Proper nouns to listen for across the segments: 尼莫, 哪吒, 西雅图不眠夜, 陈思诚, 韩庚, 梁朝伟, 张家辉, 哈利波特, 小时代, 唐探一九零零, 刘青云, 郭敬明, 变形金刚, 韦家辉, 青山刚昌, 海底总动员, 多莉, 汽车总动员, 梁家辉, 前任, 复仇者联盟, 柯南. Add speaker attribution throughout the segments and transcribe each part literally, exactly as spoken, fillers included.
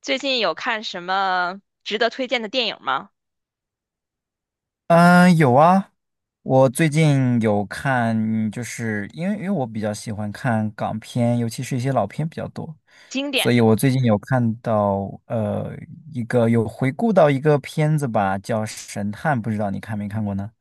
Speaker 1: 最近有看什么值得推荐的电影吗？
Speaker 2: 嗯，有啊，我最近有看，就是因为因为我比较喜欢看港片，尤其是一些老片比较多，
Speaker 1: 经
Speaker 2: 所
Speaker 1: 典
Speaker 2: 以
Speaker 1: 的。
Speaker 2: 我最近有看到呃一个有回顾到一个片子吧，叫《神探》，不知道你看没看过呢？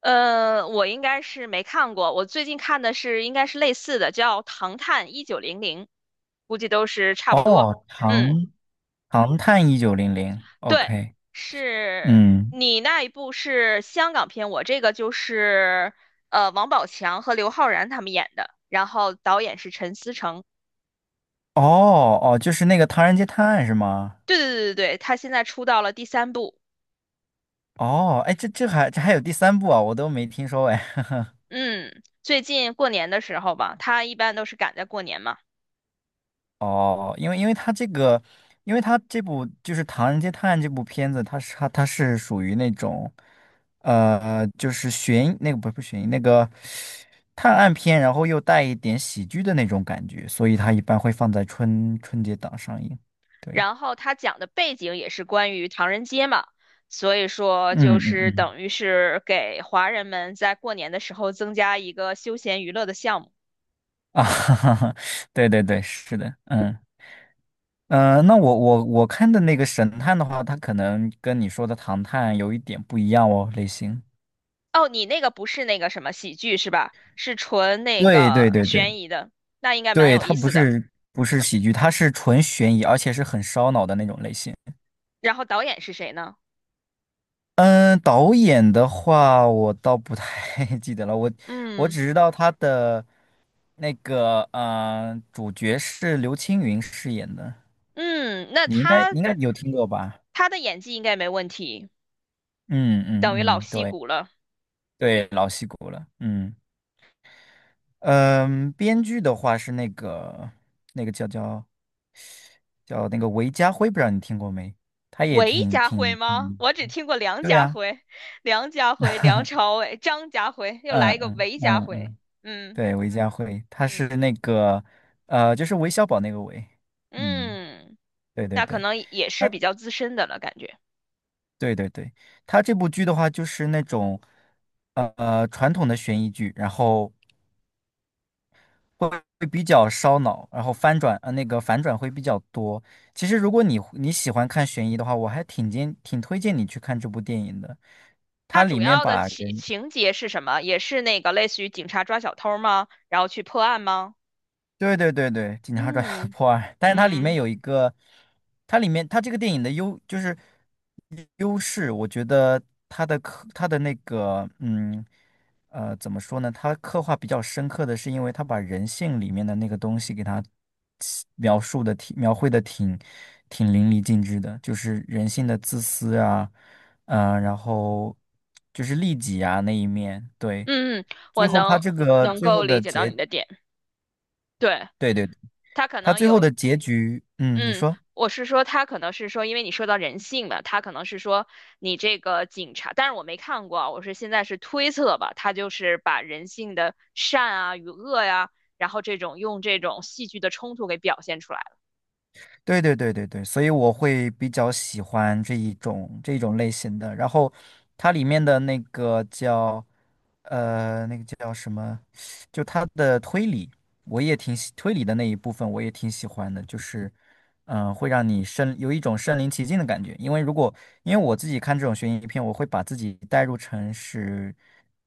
Speaker 1: 呃，我应该是没看过，我最近看的是应该是类似的，叫《唐探一九零零》，估计都是差
Speaker 2: 哦，
Speaker 1: 不多。嗯，
Speaker 2: 《唐唐探一九零零》
Speaker 1: 对，
Speaker 2: ，OK，
Speaker 1: 是
Speaker 2: 嗯，
Speaker 1: 你那一部是香港片，我这个就是呃王宝强和刘昊然他们演的，然后导演是陈思诚。
Speaker 2: 哦哦，就是那个《唐人街探案》是吗？
Speaker 1: 对对对对对，他现在出到了第三部。
Speaker 2: 哦，哎，这这还这还有第三部啊，我都没听说哎，
Speaker 1: 嗯，最近过年的时候吧，他一般都是赶在过年嘛。
Speaker 2: 哦，因为因为他这个，因为他这部就是《唐人街探案》这部片子，它是它它是属于那种，呃，就是悬疑那个不是不是悬疑那个探案片，然后又带一点喜剧的那种感觉，所以它一般会放在春春节档上映。对，
Speaker 1: 然后他讲的背景也是关于唐人街嘛，所以说
Speaker 2: 嗯
Speaker 1: 就
Speaker 2: 嗯
Speaker 1: 是
Speaker 2: 嗯，
Speaker 1: 等于是给华人们在过年的时候增加一个休闲娱乐的项目。
Speaker 2: 啊，哈哈哈，对对对，是的，嗯。嗯、呃那我我我看的那个神探的话，它可能跟你说的唐探有一点不一样哦，类型。
Speaker 1: 哦，你那个不是那个什么喜剧是吧？是纯那
Speaker 2: 对对
Speaker 1: 个
Speaker 2: 对对
Speaker 1: 悬疑的，那应该蛮
Speaker 2: 对，
Speaker 1: 有意
Speaker 2: 它不
Speaker 1: 思的。
Speaker 2: 是不是喜剧，它是纯悬疑，而且是很烧脑的那种类型。
Speaker 1: 然后导演是谁呢？
Speaker 2: 嗯，导演的话我倒不太 记得了，我我
Speaker 1: 嗯
Speaker 2: 只知道他的那个呃主角是刘青云饰演的，
Speaker 1: 嗯，那
Speaker 2: 你应该
Speaker 1: 他
Speaker 2: 你应该有听过吧？
Speaker 1: 他的演技应该没问题，
Speaker 2: 嗯
Speaker 1: 等于
Speaker 2: 嗯
Speaker 1: 老
Speaker 2: 嗯，
Speaker 1: 戏
Speaker 2: 对
Speaker 1: 骨了。
Speaker 2: 对，老戏骨了。嗯嗯，编剧的话是那个那个叫叫叫那个韦家辉，不知道你听过没？他也
Speaker 1: 韦
Speaker 2: 挺
Speaker 1: 家辉
Speaker 2: 挺
Speaker 1: 吗？
Speaker 2: 嗯，
Speaker 1: 我只听过梁
Speaker 2: 对
Speaker 1: 家
Speaker 2: 呀、
Speaker 1: 辉、梁家辉、梁 朝伟、张家辉，又
Speaker 2: 嗯
Speaker 1: 来一个
Speaker 2: 嗯
Speaker 1: 韦家
Speaker 2: 嗯
Speaker 1: 辉。
Speaker 2: 嗯，
Speaker 1: 嗯
Speaker 2: 对，韦家辉，他是
Speaker 1: 嗯
Speaker 2: 那个，呃，就是韦小宝那个韦，嗯，
Speaker 1: 嗯，
Speaker 2: 对对
Speaker 1: 那可
Speaker 2: 对，
Speaker 1: 能也是
Speaker 2: 他
Speaker 1: 比较资深的了，感觉。
Speaker 2: 对对对，他这部剧的话就是那种，呃，传统的悬疑剧，然后会会比较烧脑，然后翻转，呃，那个反转会比较多。其实如果你你喜欢看悬疑的话，我还挺建，挺推荐你去看这部电影的，
Speaker 1: 他
Speaker 2: 它里
Speaker 1: 主
Speaker 2: 面
Speaker 1: 要的
Speaker 2: 把
Speaker 1: 情
Speaker 2: 人
Speaker 1: 情节是什么？也是那个类似于警察抓小偷儿吗？然后去破案吗？
Speaker 2: 对对对对，《警察抓小偷
Speaker 1: 嗯
Speaker 2: 破案，但是它里面
Speaker 1: 嗯
Speaker 2: 有一个，它里面它这个电影的优就是优势，我觉得它的刻它的那个嗯呃怎么说呢？它刻画比较深刻的是，因为它把人性里面的那个东西给它起描述的挺描绘的挺挺淋漓尽致的，就是人性的自私啊，呃，然后就是利己啊那一面，对，
Speaker 1: 嗯，嗯我
Speaker 2: 最后它
Speaker 1: 能
Speaker 2: 这个
Speaker 1: 能
Speaker 2: 最后
Speaker 1: 够理
Speaker 2: 的
Speaker 1: 解到
Speaker 2: 结。
Speaker 1: 你的点。对，
Speaker 2: 对对，
Speaker 1: 他可
Speaker 2: 它
Speaker 1: 能
Speaker 2: 最后
Speaker 1: 有
Speaker 2: 的结局，嗯，你
Speaker 1: 嗯，
Speaker 2: 说，
Speaker 1: 我是说，他可能是说，因为你说到人性嘛，他可能是说你这个警察，但是我没看过啊我是现在是推测吧，他就是把人性的善啊与恶呀、然后这种用这种戏剧的冲突给表现出来了
Speaker 2: 对对对对对，所以我会比较喜欢这一种这一种类型的。然后它里面的那个叫呃那个叫什么，就它的推理，我也挺喜推理的那一部分，我也挺喜欢的，就是嗯、呃会让你身有一种身临其境的感觉。因为如果因为我自己看这种悬疑片，我会把自己带入成是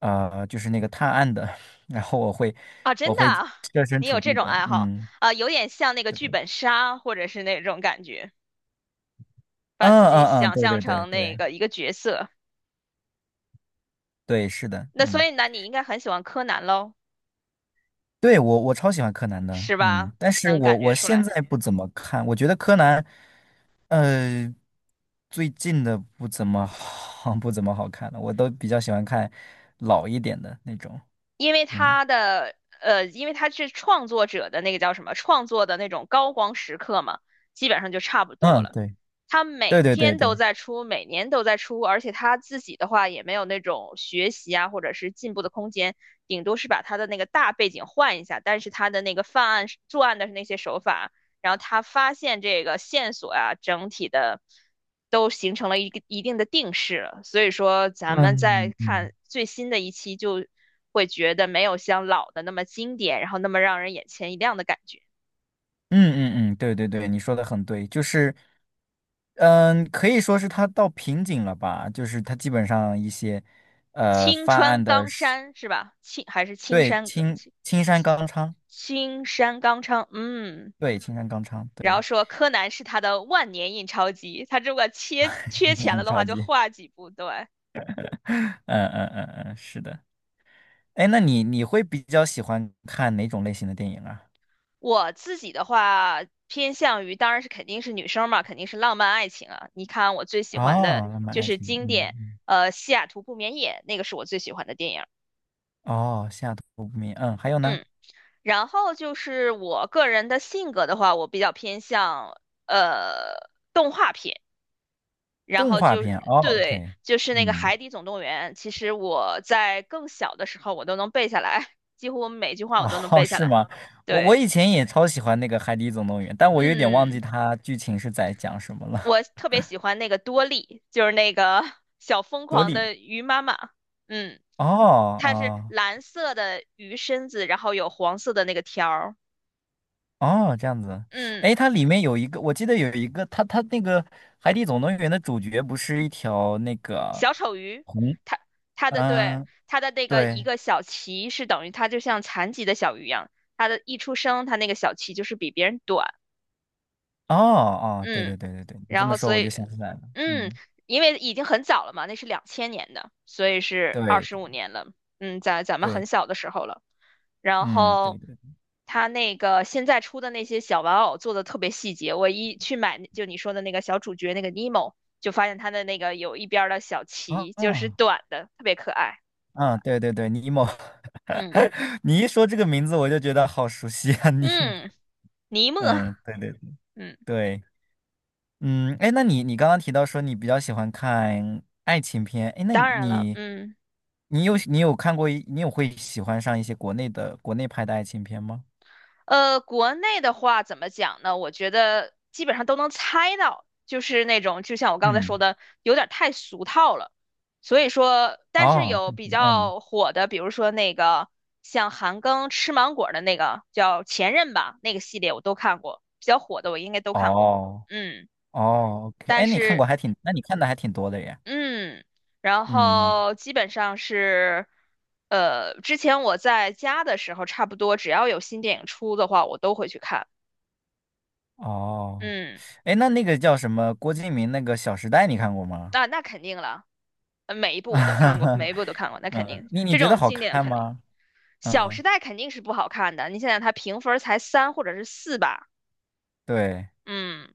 Speaker 2: 呃就是那个探案的，然后我会
Speaker 1: 啊，
Speaker 2: 我
Speaker 1: 真的
Speaker 2: 会
Speaker 1: 啊
Speaker 2: 设身
Speaker 1: 你
Speaker 2: 处
Speaker 1: 有这
Speaker 2: 地
Speaker 1: 种
Speaker 2: 的，
Speaker 1: 爱好
Speaker 2: 嗯。
Speaker 1: 啊，有点像那个
Speaker 2: 对
Speaker 1: 剧
Speaker 2: 吧，
Speaker 1: 本杀或者是那种感觉，把
Speaker 2: 嗯
Speaker 1: 自己
Speaker 2: 嗯嗯，
Speaker 1: 想
Speaker 2: 对
Speaker 1: 象
Speaker 2: 对对
Speaker 1: 成那
Speaker 2: 对
Speaker 1: 个一个角色，
Speaker 2: 对，是的，
Speaker 1: 那所
Speaker 2: 嗯，
Speaker 1: 以呢，你应该很喜欢柯南喽，
Speaker 2: 对我我超喜欢柯南的，
Speaker 1: 是吧？
Speaker 2: 嗯，但是
Speaker 1: 能
Speaker 2: 我
Speaker 1: 感觉
Speaker 2: 我
Speaker 1: 出
Speaker 2: 现
Speaker 1: 来。
Speaker 2: 在不怎么看，我觉得柯南，呃，最近的不怎么好，不怎么好看了，我都比较喜欢看老一点的那种，
Speaker 1: 因为
Speaker 2: 嗯
Speaker 1: 他的呃，因为他是创作者的那个叫什么创作的那种高光时刻嘛，基本上就差不多
Speaker 2: 嗯，
Speaker 1: 了。
Speaker 2: 对
Speaker 1: 他每
Speaker 2: 对对对
Speaker 1: 天都
Speaker 2: 对，
Speaker 1: 在出，每年都在出，而且他自己的话也没有那种学习啊或者是进步的空间，顶多是把他的那个大背景换一下，但是他的那个犯案作案的那些手法，然后他发现这个线索啊，整体的都形成了一个一定的定势了，所以说咱们再
Speaker 2: 嗯嗯
Speaker 1: 看最新的一期就会觉得没有像老的那么经典，然后那么让人眼前一亮的感觉。
Speaker 2: 嗯嗯嗯，对对对，你说的很对，就是。嗯，可以说是他到瓶颈了吧？就是他基本上一些呃
Speaker 1: 青
Speaker 2: 犯
Speaker 1: 川
Speaker 2: 案的
Speaker 1: 刚山是吧？青还是青
Speaker 2: 对，
Speaker 1: 山刚？
Speaker 2: 青青山刚昌，
Speaker 1: 青山刚昌，嗯，
Speaker 2: 对，青山刚昌，
Speaker 1: 然后
Speaker 2: 对，
Speaker 1: 说柯南是他的万年印钞机，他如果缺 缺钱
Speaker 2: 你
Speaker 1: 了的话，
Speaker 2: 了
Speaker 1: 就
Speaker 2: 解，
Speaker 1: 画几部。对，
Speaker 2: 嗯嗯嗯嗯，是的。哎，那你你会比较喜欢看哪种类型的电影啊？
Speaker 1: 我自己的话，偏向于当然是肯定是女生嘛，肯定是浪漫爱情啊。你看我最喜欢的
Speaker 2: 哦，浪漫
Speaker 1: 就
Speaker 2: 爱
Speaker 1: 是
Speaker 2: 情，
Speaker 1: 经
Speaker 2: 嗯
Speaker 1: 典，
Speaker 2: 嗯，
Speaker 1: 呃，《西雅图不眠夜》，那个是我最喜欢的电影。
Speaker 2: 哦，下图不明，嗯，还有呢，
Speaker 1: 嗯，然后就是我个人的性格的话，我比较偏向呃动画片。然
Speaker 2: 动
Speaker 1: 后
Speaker 2: 画
Speaker 1: 就
Speaker 2: 片，哦
Speaker 1: 对，
Speaker 2: ，OK,
Speaker 1: 就是那个
Speaker 2: 嗯，
Speaker 1: 《海底总动员》，其实我在更小的时候我都能背下来，几乎每句话我都能
Speaker 2: 哦，
Speaker 1: 背下
Speaker 2: 是
Speaker 1: 来。
Speaker 2: 吗？我我
Speaker 1: 对，
Speaker 2: 以前也超喜欢那个《海底总动员》，但我有点忘记
Speaker 1: 嗯，
Speaker 2: 它剧情是在讲什么了。
Speaker 1: 我特别喜欢那个多莉，就是那个 小疯
Speaker 2: 多
Speaker 1: 狂
Speaker 2: 莉，
Speaker 1: 的鱼妈妈。嗯，
Speaker 2: 哦
Speaker 1: 它是
Speaker 2: 哦
Speaker 1: 蓝色的鱼身子，然后有黄色的那个条儿。
Speaker 2: 哦，这样子，哎，
Speaker 1: 嗯。
Speaker 2: 它里面有一个，我记得有一个，它它那个《海底总动员》的主角不是一条那个
Speaker 1: 小丑鱼，
Speaker 2: 红，
Speaker 1: 它它的对
Speaker 2: 嗯，
Speaker 1: 它的那个一
Speaker 2: 对，
Speaker 1: 个小鳍是等于它就像残疾的小鱼一样，它的一出生它那个小鳍就是比别人短，
Speaker 2: 哦哦，对
Speaker 1: 嗯，
Speaker 2: 对对对对，你这
Speaker 1: 然
Speaker 2: 么
Speaker 1: 后
Speaker 2: 说
Speaker 1: 所
Speaker 2: 我就
Speaker 1: 以
Speaker 2: 想起来了，
Speaker 1: 嗯，
Speaker 2: 嗯，
Speaker 1: 因为已经很早了嘛，那是两千年的，所以是二
Speaker 2: 对
Speaker 1: 十
Speaker 2: 对
Speaker 1: 五年了，嗯，在咱们
Speaker 2: 对，
Speaker 1: 很小的时候了，然
Speaker 2: 嗯，对
Speaker 1: 后。
Speaker 2: 对，
Speaker 1: 它那个现在出的那些小玩偶做的特别细节，我一去买就你说的那个小主角那个尼莫，就发现它的那个有一边儿的小
Speaker 2: 啊
Speaker 1: 鳍就是
Speaker 2: 啊
Speaker 1: 短的，特别可爱。
Speaker 2: 啊，对对对，尼莫，
Speaker 1: 嗯
Speaker 2: 你一说这个名字我就觉得好熟悉啊，尼莫，
Speaker 1: 嗯，尼莫，
Speaker 2: 嗯，对对
Speaker 1: 嗯，
Speaker 2: 对。嗯，哎，那你你刚刚提到说你比较喜欢看爱情片，哎，那
Speaker 1: 当然了，
Speaker 2: 你
Speaker 1: 嗯，
Speaker 2: 你有你有看过一你有会喜欢上一些国内的国内拍的爱情片吗？
Speaker 1: 呃，国内的话怎么讲呢？我觉得基本上都能猜到，就是那种就像我刚才说
Speaker 2: 嗯，
Speaker 1: 的，有点太俗套了。所以说，但是
Speaker 2: 哦，
Speaker 1: 有
Speaker 2: 看
Speaker 1: 比
Speaker 2: 喜欢嗯，
Speaker 1: 较火的，比如说那个像韩庚吃芒果的那个叫《前任》吧，那个系列我都看过，比较火的我应该都
Speaker 2: 哦
Speaker 1: 看过。嗯，
Speaker 2: 哦哦，OK,
Speaker 1: 但
Speaker 2: 哎，你看过还
Speaker 1: 是
Speaker 2: 挺，那你看的还挺多的耶。
Speaker 1: 嗯，然
Speaker 2: 嗯，
Speaker 1: 后基本上是，呃，之前我在家的时候，差不多只要有新电影出的话，我都会去看。
Speaker 2: 哦，
Speaker 1: 嗯，
Speaker 2: 哎，那那个叫什么郭敬明那个《小时代》，你看过吗？
Speaker 1: 那那肯定了，呃每一部我都看过，每 一部都看过，那肯
Speaker 2: 嗯，
Speaker 1: 定，
Speaker 2: 你你
Speaker 1: 这
Speaker 2: 觉得
Speaker 1: 种
Speaker 2: 好
Speaker 1: 经典
Speaker 2: 看
Speaker 1: 肯定，
Speaker 2: 吗？
Speaker 1: 《小
Speaker 2: 嗯，
Speaker 1: 时代》肯定是不好看的。你想想，它评分儿才三或者是四吧？
Speaker 2: 对。
Speaker 1: 嗯。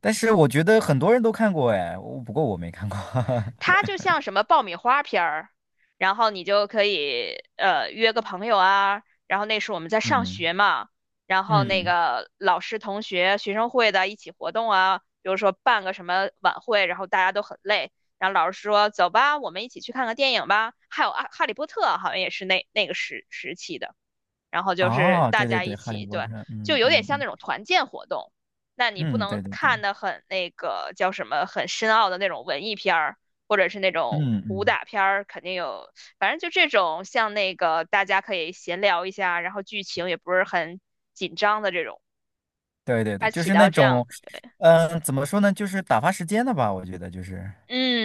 Speaker 2: 但是我觉得很多人都看过哎，我不过我没看过。
Speaker 1: 它就像什么爆米花片儿，然后你就可以呃约个朋友啊，然后那时候我们在上
Speaker 2: 嗯
Speaker 1: 学嘛，然后那
Speaker 2: 嗯，
Speaker 1: 个老师、同学、学生会的一起活动啊，比如说办个什么晚会，然后大家都很累，然后老师说走吧，我们一起去看个电影吧，还有啊《哈利波特》好像也是那那个时时期的。然后就是
Speaker 2: 哦，
Speaker 1: 大
Speaker 2: 对对
Speaker 1: 家
Speaker 2: 对，
Speaker 1: 一
Speaker 2: 《哈利
Speaker 1: 起，
Speaker 2: 波
Speaker 1: 对，
Speaker 2: 特》，
Speaker 1: 就
Speaker 2: 嗯
Speaker 1: 有点
Speaker 2: 嗯
Speaker 1: 像那
Speaker 2: 嗯
Speaker 1: 种团建活动。那你不
Speaker 2: 嗯，
Speaker 1: 能
Speaker 2: 对对
Speaker 1: 看
Speaker 2: 对，
Speaker 1: 的很那个叫什么很深奥的那种文艺片儿，或者是那
Speaker 2: 嗯
Speaker 1: 种武
Speaker 2: 嗯，
Speaker 1: 打片儿，肯定有，反正就这种像那个大家可以闲聊一下，然后剧情也不是很紧张的这种，
Speaker 2: 对对对，
Speaker 1: 它
Speaker 2: 就
Speaker 1: 起
Speaker 2: 是那
Speaker 1: 到这样，
Speaker 2: 种，嗯、怎么说呢，就是打发时间的吧，我觉得就是，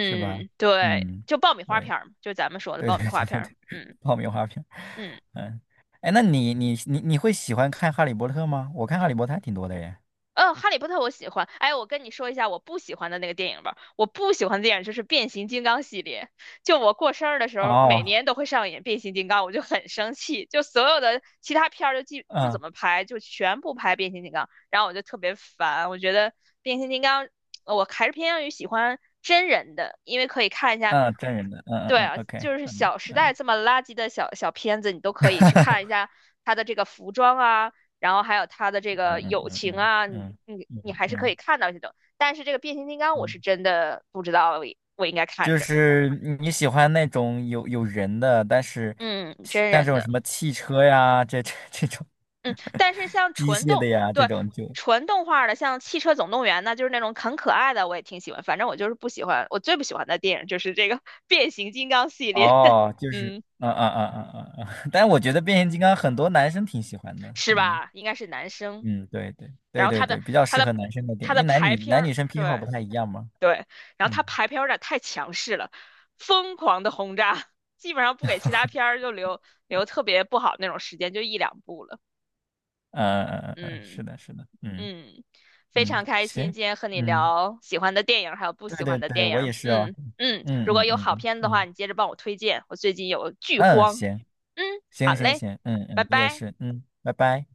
Speaker 2: 是吧？
Speaker 1: 对，
Speaker 2: 嗯，
Speaker 1: 就爆米花
Speaker 2: 对
Speaker 1: 片儿嘛，就咱们说的
Speaker 2: 对
Speaker 1: 爆米
Speaker 2: 对
Speaker 1: 花
Speaker 2: 对
Speaker 1: 片
Speaker 2: 对
Speaker 1: 儿，
Speaker 2: 对，
Speaker 1: 嗯
Speaker 2: 爆米花片，
Speaker 1: 嗯。
Speaker 2: 嗯，哎，那你你你你会喜欢看《哈利波特》吗？我看《哈利波特》还挺多的耶。
Speaker 1: 嗯，哈利波特我喜欢。哎，我跟你说一下我不喜欢的那个电影吧。我不喜欢的电影就是变形金刚系列。就我过生日的时候，每
Speaker 2: 哦，
Speaker 1: 年都会上演变形金刚，我就很生气。就所有的其他片儿就记不
Speaker 2: 嗯
Speaker 1: 怎么拍，就全部拍变形金刚，然后我就特别烦。我觉得变形金刚，呃我还是偏向于喜欢真人的，因为可以看一下。
Speaker 2: 嗯，真人的，嗯嗯
Speaker 1: 对啊，
Speaker 2: 嗯，OK,
Speaker 1: 就是
Speaker 2: 嗯
Speaker 1: 《小时代》
Speaker 2: 嗯。
Speaker 1: 这么垃圾的小小片子，你都可以去看一下它的这个服装啊。然后还有他的这个
Speaker 2: 嗯嗯
Speaker 1: 友
Speaker 2: 嗯
Speaker 1: 情
Speaker 2: 嗯
Speaker 1: 啊，你
Speaker 2: 嗯
Speaker 1: 你你
Speaker 2: 嗯
Speaker 1: 还是可以
Speaker 2: 嗯
Speaker 1: 看到这种。但是这个变形金刚，我
Speaker 2: 嗯，
Speaker 1: 是真的不知道我应该看
Speaker 2: 就
Speaker 1: 什么。
Speaker 2: 是你喜欢那种有有人的，但是
Speaker 1: 嗯，真
Speaker 2: 像这
Speaker 1: 人
Speaker 2: 种
Speaker 1: 的，
Speaker 2: 什么汽车呀，这这这种
Speaker 1: 嗯，但 是像
Speaker 2: 机
Speaker 1: 纯
Speaker 2: 械
Speaker 1: 动，
Speaker 2: 的呀，这
Speaker 1: 对，
Speaker 2: 种就
Speaker 1: 纯动画的，像《汽车总动员》呢，就是那种很可爱的，我也挺喜欢。反正我就是不喜欢，我最不喜欢的电影就是这个 变形金刚系列，
Speaker 2: 哦，就是
Speaker 1: 嗯，
Speaker 2: 啊啊啊啊啊啊！但我觉得变形金刚很多男生挺喜欢的，
Speaker 1: 是
Speaker 2: 嗯
Speaker 1: 吧？应该是男生。
Speaker 2: 嗯，对对
Speaker 1: 然
Speaker 2: 对
Speaker 1: 后
Speaker 2: 对
Speaker 1: 他的
Speaker 2: 对，比较
Speaker 1: 他
Speaker 2: 适
Speaker 1: 的
Speaker 2: 合男生的电
Speaker 1: 他
Speaker 2: 影，因
Speaker 1: 的
Speaker 2: 为男
Speaker 1: 排
Speaker 2: 女
Speaker 1: 片
Speaker 2: 男女
Speaker 1: 儿，
Speaker 2: 生偏好
Speaker 1: 对，
Speaker 2: 不太一样嘛，
Speaker 1: 对，然后
Speaker 2: 嗯
Speaker 1: 他排片儿有点太强势了，疯狂的轰炸，基本上不给其他片儿就留留特别不好那种时间，就一两部了。
Speaker 2: 嗯嗯嗯嗯，嗯，
Speaker 1: 嗯
Speaker 2: 是的是的，嗯
Speaker 1: 嗯，非
Speaker 2: 嗯，
Speaker 1: 常开心
Speaker 2: 行，
Speaker 1: 今天和你
Speaker 2: 嗯。
Speaker 1: 聊喜欢的电影，还有不
Speaker 2: 对
Speaker 1: 喜
Speaker 2: 对
Speaker 1: 欢的
Speaker 2: 对，
Speaker 1: 电
Speaker 2: 我
Speaker 1: 影。
Speaker 2: 也是哦。
Speaker 1: 嗯嗯，如果
Speaker 2: 嗯嗯
Speaker 1: 有好
Speaker 2: 嗯
Speaker 1: 片子的话，
Speaker 2: 嗯
Speaker 1: 你接着帮我推荐，我最近有剧
Speaker 2: 嗯，
Speaker 1: 荒。
Speaker 2: 行
Speaker 1: 嗯，好
Speaker 2: 行行
Speaker 1: 嘞，
Speaker 2: 行，嗯
Speaker 1: 拜
Speaker 2: 嗯，你也
Speaker 1: 拜。
Speaker 2: 是，嗯，拜拜。